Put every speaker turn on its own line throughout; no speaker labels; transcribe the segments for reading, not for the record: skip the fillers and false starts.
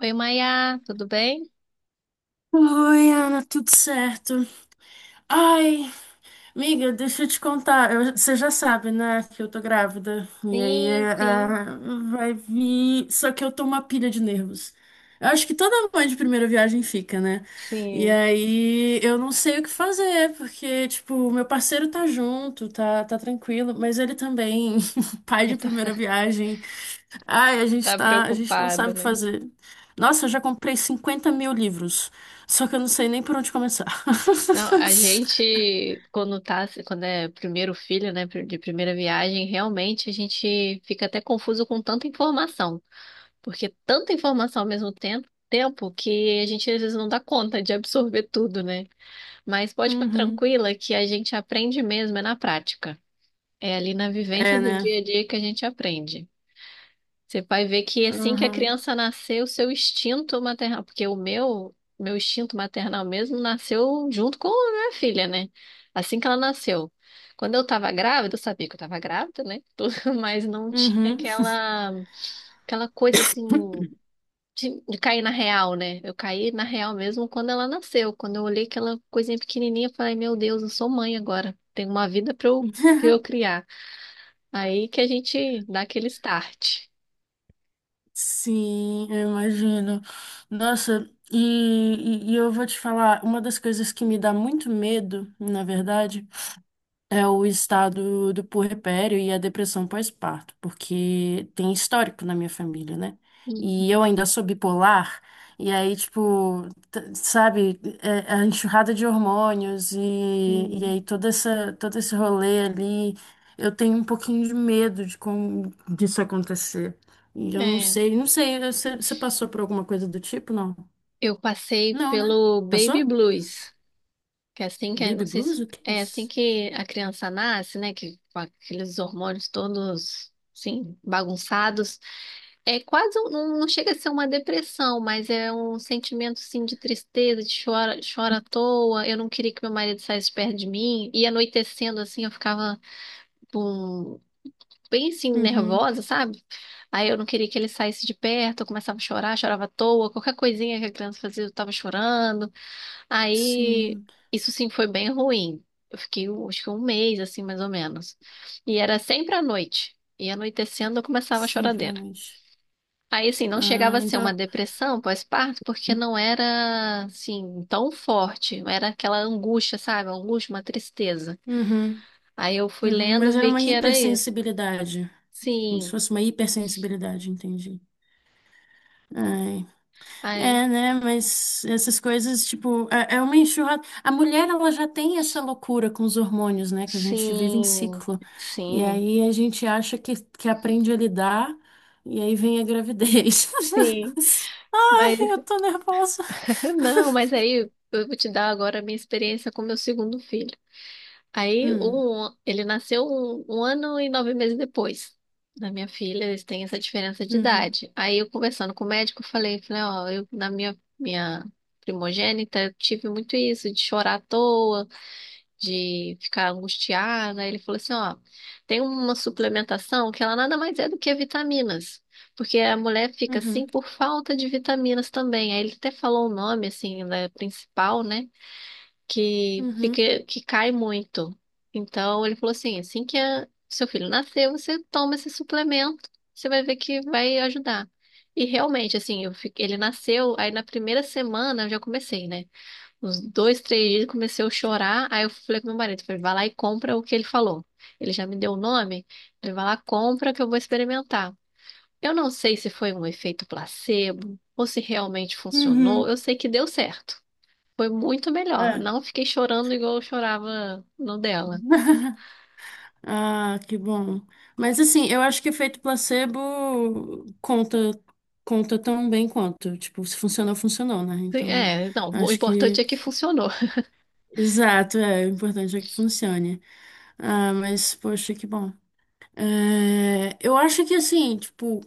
Oi, Maia, tudo bem?
Oi, Ana, tudo certo? Ai, amiga, deixa eu te contar. Você já sabe, né, que eu tô grávida. E aí
Sim,
é,
sim,
vai vir. Só que eu tô uma pilha de nervos. Eu acho que toda mãe de primeira viagem fica, né? E
sim.
aí eu não sei o que fazer, porque, tipo, meu parceiro tá junto, tá tranquilo, mas ele também, pai de primeira viagem. Ai,
Tá
a gente não
preocupada,
sabe o que
né?
fazer. Nossa, eu já comprei 50 mil livros, só que eu não sei nem por onde começar.
Não, a gente, quando é primeiro filho, né, de primeira viagem, realmente a gente fica até confuso com tanta informação, porque tanta informação ao mesmo tempo que a gente às vezes não dá conta de absorver tudo, né? Mas pode ficar
Uhum.
tranquila que a gente aprende mesmo, é na prática. É ali na vivência
É,
do
né?
dia a dia que a gente aprende. Você vai ver que assim que a
Uhum.
criança nascer, o seu instinto maternal, porque o meu instinto maternal mesmo nasceu junto com a minha filha, né? Assim que ela nasceu. Quando eu tava grávida, eu sabia que eu tava grávida, né? Tudo, mas não tinha
Uhum.
aquela coisa assim de cair na real, né? Eu caí na real mesmo quando ela nasceu. Quando eu olhei aquela coisinha pequenininha, eu falei, meu Deus, eu sou mãe agora. Tenho uma vida pra eu criar. Aí que a gente dá aquele start.
Sim, eu imagino. Nossa, e eu vou te falar, uma das coisas que me dá muito medo, na verdade, é o estado do puerpério e a depressão pós-parto, porque tem histórico na minha família, né? E eu ainda sou bipolar, e aí, tipo, é a enxurrada de hormônios e
Hum.
aí todo esse rolê ali, eu tenho um pouquinho de medo de como disso acontecer. E eu
É,
não sei, você passou por alguma coisa do tipo, não?
eu passei
Não, né?
pelo baby
Passou?
blues, que é assim que, é,
Baby
não sei
blues?
se
O que é
é assim
isso?
que a criança nasce, né, que com aqueles hormônios todos, assim, bagunçados. É quase, não, não chega a ser uma depressão, mas é um sentimento, assim, de tristeza, de chora, chora à toa. Eu não queria que meu marido saísse perto de mim. E anoitecendo, assim, eu ficava bem assim,
Uhum.
nervosa, sabe? Aí eu não queria que ele saísse de perto, eu começava a chorar, chorava à toa, qualquer coisinha que a criança fazia, eu tava chorando. Aí
Sim,
isso sim foi bem ruim. Eu fiquei, acho que um mês, assim, mais ou menos. E era sempre à noite. E anoitecendo eu começava a
sempre à
choradeira.
noite.
Aí, assim, não
Ah,
chegava a ser uma
então.
depressão pós-parto, porque não era, assim, tão forte. Não era aquela angústia, sabe? Uma angústia, uma tristeza.
Uhum,
Aí eu fui
uhum.
lendo,
Mas era
vi
uma
que era isso.
hipersensibilidade. Como se
Sim.
fosse uma hipersensibilidade, entendi. Ai.
Aí.
É, né? Mas essas coisas, tipo, é uma enxurrada. A mulher, ela já tem essa loucura com os hormônios, né? Que a gente vive em
Sim,
ciclo. E
sim,
aí a gente acha que aprende a lidar, e aí vem a gravidez.
sim. Mas
Ai, eu tô nervosa.
não, mas aí eu vou te dar agora a minha experiência com meu segundo filho. Aí
Hum,
ele nasceu um ano e nove meses depois da minha filha, eles têm essa diferença de
uhum,
idade. Aí eu conversando com o médico, eu falei, ó, eu na minha primogênita eu tive muito isso de chorar à toa. De ficar angustiada. Ele falou assim, ó, tem uma suplementação que ela nada mais é do que vitaminas, porque a mulher fica assim
uhum,
por falta de vitaminas também. Aí ele até falou o nome assim da principal, né, que
uhum,
fica que cai muito. Então ele falou assim, assim que seu filho nascer, você toma esse suplemento, você vai ver que vai ajudar. E realmente, assim, eu ele nasceu, aí na primeira semana eu já comecei, né? Uns 2, 3 dias comecei a chorar. Aí eu falei com meu marido, falei, vai lá e compra o que ele falou. Ele já me deu o nome, ele vai lá, compra que eu vou experimentar. Eu não sei se foi um efeito placebo ou se realmente funcionou.
uhum.
Eu sei que deu certo. Foi muito melhor.
É.
Não fiquei chorando igual eu chorava no dela.
Ah, que bom. Mas assim, eu acho que efeito placebo conta tão bem quanto. Tipo, se funcionou, funcionou, né? Então,
É, não, o
acho que,
importante é que
que-
funcionou.
exato, é, o importante é que funcione. Ah, mas, poxa, que bom. É, eu acho que assim, tipo,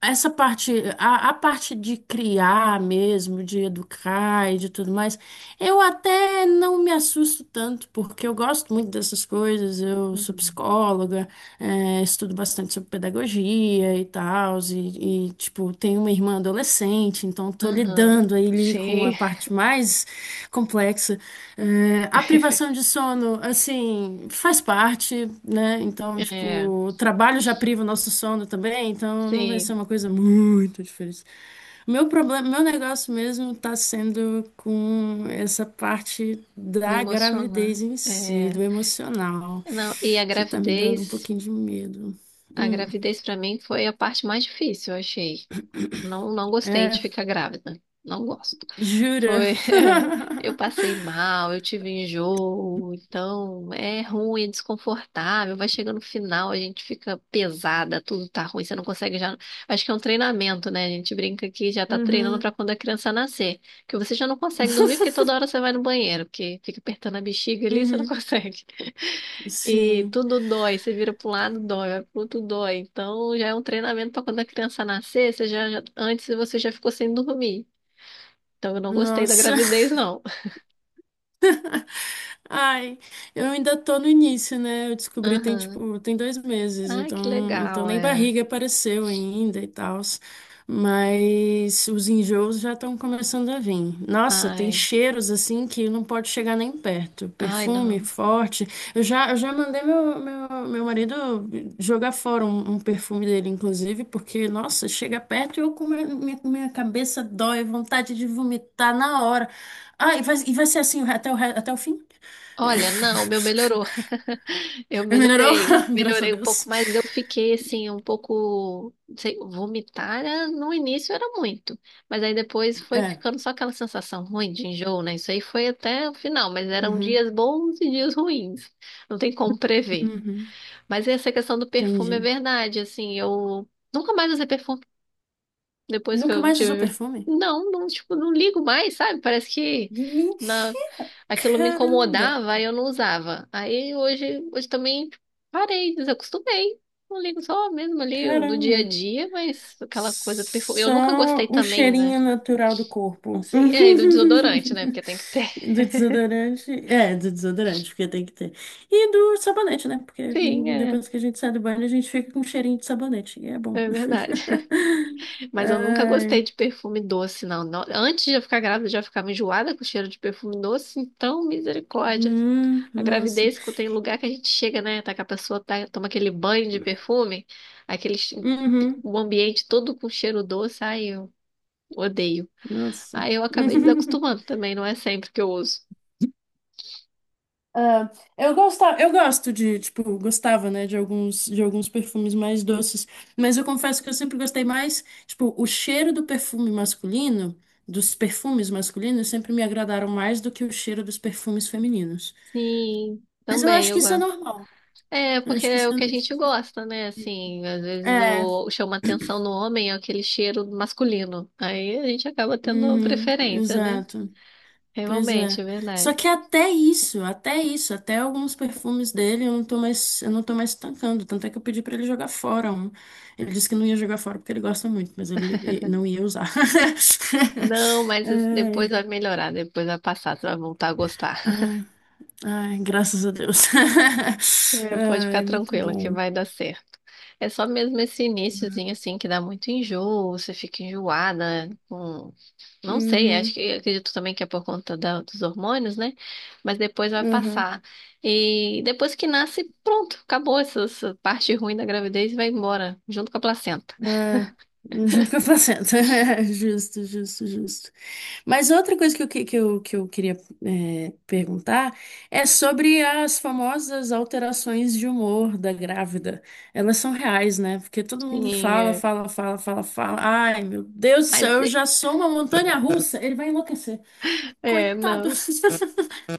essa parte, a parte de criar mesmo, de educar e de tudo mais, eu até não me assusto tanto, porque eu gosto muito dessas coisas, eu sou
Uhum.
psicóloga. É, estudo bastante sobre pedagogia e tal, tipo, tenho uma irmã adolescente, então tô
Aham.
lidando aí ali com a
Sim.
parte mais complexa. É, a privação de sono, assim, faz parte, né? Então,
É,
tipo, o trabalho já priva o nosso sono também, então não vai ser
sim,
uma coisa muito diferente. Meu negócio mesmo tá sendo com essa parte
não
da
emociona.
gravidez em si,
É,
do emocional
não, e a
que tá me dando um
gravidez.
pouquinho de medo.
A
Hum,
gravidez pra mim foi a parte mais difícil, eu achei. Não, não gostei
é,
de ficar grávida. Não gosto.
jura?
Foi, eu passei mal, eu tive enjoo, então é ruim, é desconfortável, vai chegando no final, a gente fica pesada, tudo tá ruim, você não consegue já. Acho que é um treinamento, né? A gente brinca que já tá treinando
Uhum.
pra quando a criança nascer, que você já não consegue dormir porque toda hora você vai no banheiro, porque fica apertando a bexiga ali, você não
Uhum,
consegue. E
sim.
tudo dói, você vira pro lado, dói, vai pro outro dói. Então já é um treinamento para quando a criança nascer, você antes você já ficou sem dormir. Então eu não gostei da
Nossa.
gravidez, não.
Ai, eu ainda tô no início, né? Eu descobri tem
Aham.
tem 2 meses,
Ai, que
então
legal,
nem
é.
barriga apareceu ainda e tal. Mas os enjoos já estão começando a vir. Nossa, tem
Ai,
cheiros assim que não pode chegar nem perto.
ai,
Perfume
não.
forte. Eu já mandei meu marido jogar fora um perfume dele, inclusive, porque, nossa, chega perto e eu com minha cabeça dói, vontade de vomitar na hora. Ah, e vai ser assim até até o fim?
Olha, não, o meu melhorou. Eu
Melhorou?
melhorei,
Graças a
melhorei um pouco,
Deus.
mas eu fiquei assim, um pouco, não sei, vomitar no início era muito, mas aí depois foi
É.
ficando só aquela sensação ruim de enjoo, né? Isso aí foi até o final, mas eram
Uhum,
dias bons e dias ruins, não tem como prever.
uhum,
Mas essa questão do perfume é
entendi.
verdade, assim, eu nunca mais usei perfume. Depois que
Nunca
eu
mais usou
tive.
perfume?
Não, não, tipo, não ligo mais, sabe? Parece que na...
Mentira!
aquilo me
Caramba!
incomodava e eu não usava. Aí hoje também parei, desacostumei. Não ligo só mesmo ali do dia a
Caramba!
dia, mas aquela coisa perfume. Eu nunca gostei
Só o
também, né?
cheirinho natural do corpo.
Sim, é, e do desodorante, né? Porque tem que ter.
Do desodorante. É, do desodorante, porque tem que ter. E do sabonete, né? Porque
Sim, é.
depois que a gente sai do banho, a gente fica com cheirinho de sabonete. E é bom.
É verdade. Mas eu nunca
Ai,
gostei de perfume doce, não. Antes de eu ficar grávida, eu já ficava enjoada com o cheiro de perfume doce, então misericórdia. A
nossa.
gravidez, que tem lugar que a gente chega, né? Tá que a pessoa tá, toma aquele banho de perfume, aquele
Uhum.
o ambiente todo com cheiro doce, ai, eu odeio.
Nossa.
Aí eu acabei desacostumando também, não é sempre que eu uso.
Ah, eu gosto de, de de alguns perfumes mais doces, mas eu confesso que eu sempre gostei mais, tipo, o cheiro do perfume masculino, dos perfumes masculinos sempre me agradaram mais do que o cheiro dos perfumes femininos.
Sim,
Mas eu
também
acho que
eu
isso é
gosto.
normal.
É,
Eu
porque
acho que
é o que a
isso
gente
é...
gosta, né?
ok.
Assim, às vezes
É,
o chama atenção no homem é aquele cheiro masculino. Aí a gente acaba tendo
uhum,
preferência, né?
exato. Pois
Realmente, é
é. Só
verdade.
que até alguns perfumes dele eu não tô mais tancando. Tanto é que eu pedi pra ele jogar fora um. Ele disse que não ia jogar fora porque ele gosta muito, mas não ia usar.
Não, mas isso depois
Ai,
vai melhorar, depois vai passar, você vai voltar a gostar.
ai, ai, graças a Deus.
É, pode ficar
Ai, muito
tranquila que
bom.
vai dar certo. É só mesmo esse iniciozinho assim que dá muito enjoo, você fica enjoada, com... não sei, acho
Uhum,
que acredito também que é por conta dos hormônios, né? Mas depois vai
uhum.
passar. E depois que nasce, pronto, acabou essa parte ruim da gravidez e vai embora, junto com a placenta.
É, junto com a placenta. Justo, justo, justo. Mas outra coisa que eu queria perguntar é sobre as famosas alterações de humor da grávida. Elas são reais, né? Porque todo mundo
Sim,
fala,
é.
fala, fala, fala, fala. Ai, meu Deus do céu,
Mas
eu
é,
já sou uma montanha russa. Ele vai enlouquecer.
é,
Coitado.
não.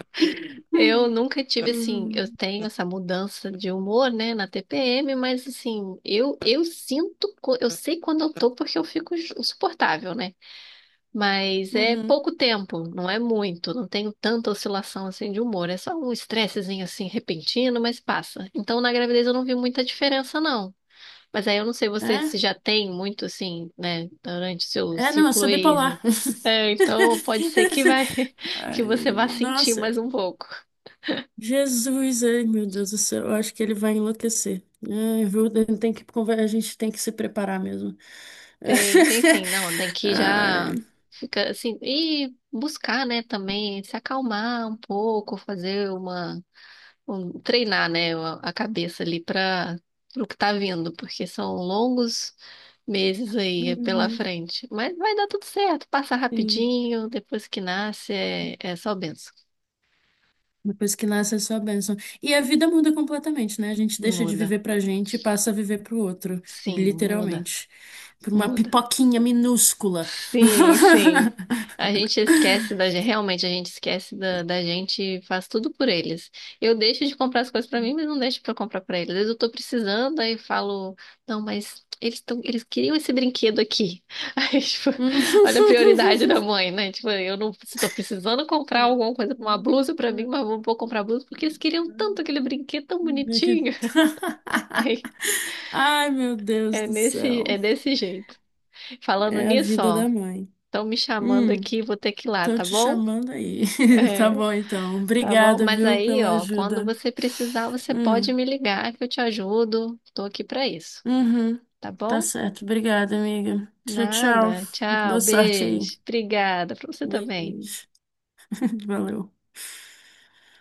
Eu nunca tive assim, eu
Uhum.
tenho essa mudança de humor, né, na TPM, mas assim, eu sinto, eu sei quando eu tô porque eu fico insuportável, né? Mas é
Uhum.
pouco tempo, não é muito, não tenho tanta oscilação assim de humor, é só um estressezinho assim repentino, mas passa. Então na gravidez eu não vi muita diferença não. Mas aí eu não sei você se
É?
já tem muito assim, né, durante o seu
É, não, eu
ciclo
sou
e
bipolar.
é, então pode ser que vai que você vá
Ai,
sentir mais
nossa.
um pouco.
Jesus, ai meu Deus do céu, eu acho que ele vai enlouquecer. Ai, viu? Ele Tem que, conver- A gente tem que se preparar mesmo.
Tem sim, não, tem que
Ai,
já fica assim, e buscar, né, também, se acalmar um pouco, fazer treinar, né, a cabeça ali para o que tá vindo, porque são longos meses aí pela
uhum,
frente. Mas vai dar tudo certo, passa
sim.
rapidinho, depois que nasce é só benção.
Depois que nasce é só bênção. E a vida muda completamente, né? A gente deixa de
Muda,
viver pra gente e passa a viver pro outro,
sim, muda,
literalmente. Por uma
muda.
pipoquinha minúscula.
Sim, sim. A gente esquece da gente, realmente a gente esquece da gente, e faz tudo por eles. Eu deixo de comprar as coisas pra mim, mas não deixo pra comprar pra eles. Às vezes eu tô precisando, aí eu falo, não, mas eles tão, eles queriam esse brinquedo aqui. Aí, tipo, olha a prioridade da mãe, né? Tipo, eu não, se tô precisando comprar alguma coisa, uma blusa pra mim, mas não vou comprar blusa porque eles queriam tanto aquele brinquedo tão
Meio que-
bonitinho. Aí,
Ai, meu Deus do
é
céu.
desse jeito. Falando
É a
nisso,
vida
ó,
da mãe.
estão me chamando
Hum,
aqui, vou ter que ir lá,
tô
tá
te
bom?
chamando aí. Tá
É,
bom, então.
tá bom?
Obrigada,
Mas
viu,
aí,
pela
ó, quando
ajuda.
você precisar, você pode
Hum,
me ligar que eu te ajudo. Tô aqui pra isso,
uhum.
tá
Tá
bom?
certo. Obrigada, amiga. Tchau, tchau.
Nada. Tchau,
Boa sorte aí.
beijo. Obrigada. Pra você também.
Beijo. Valeu.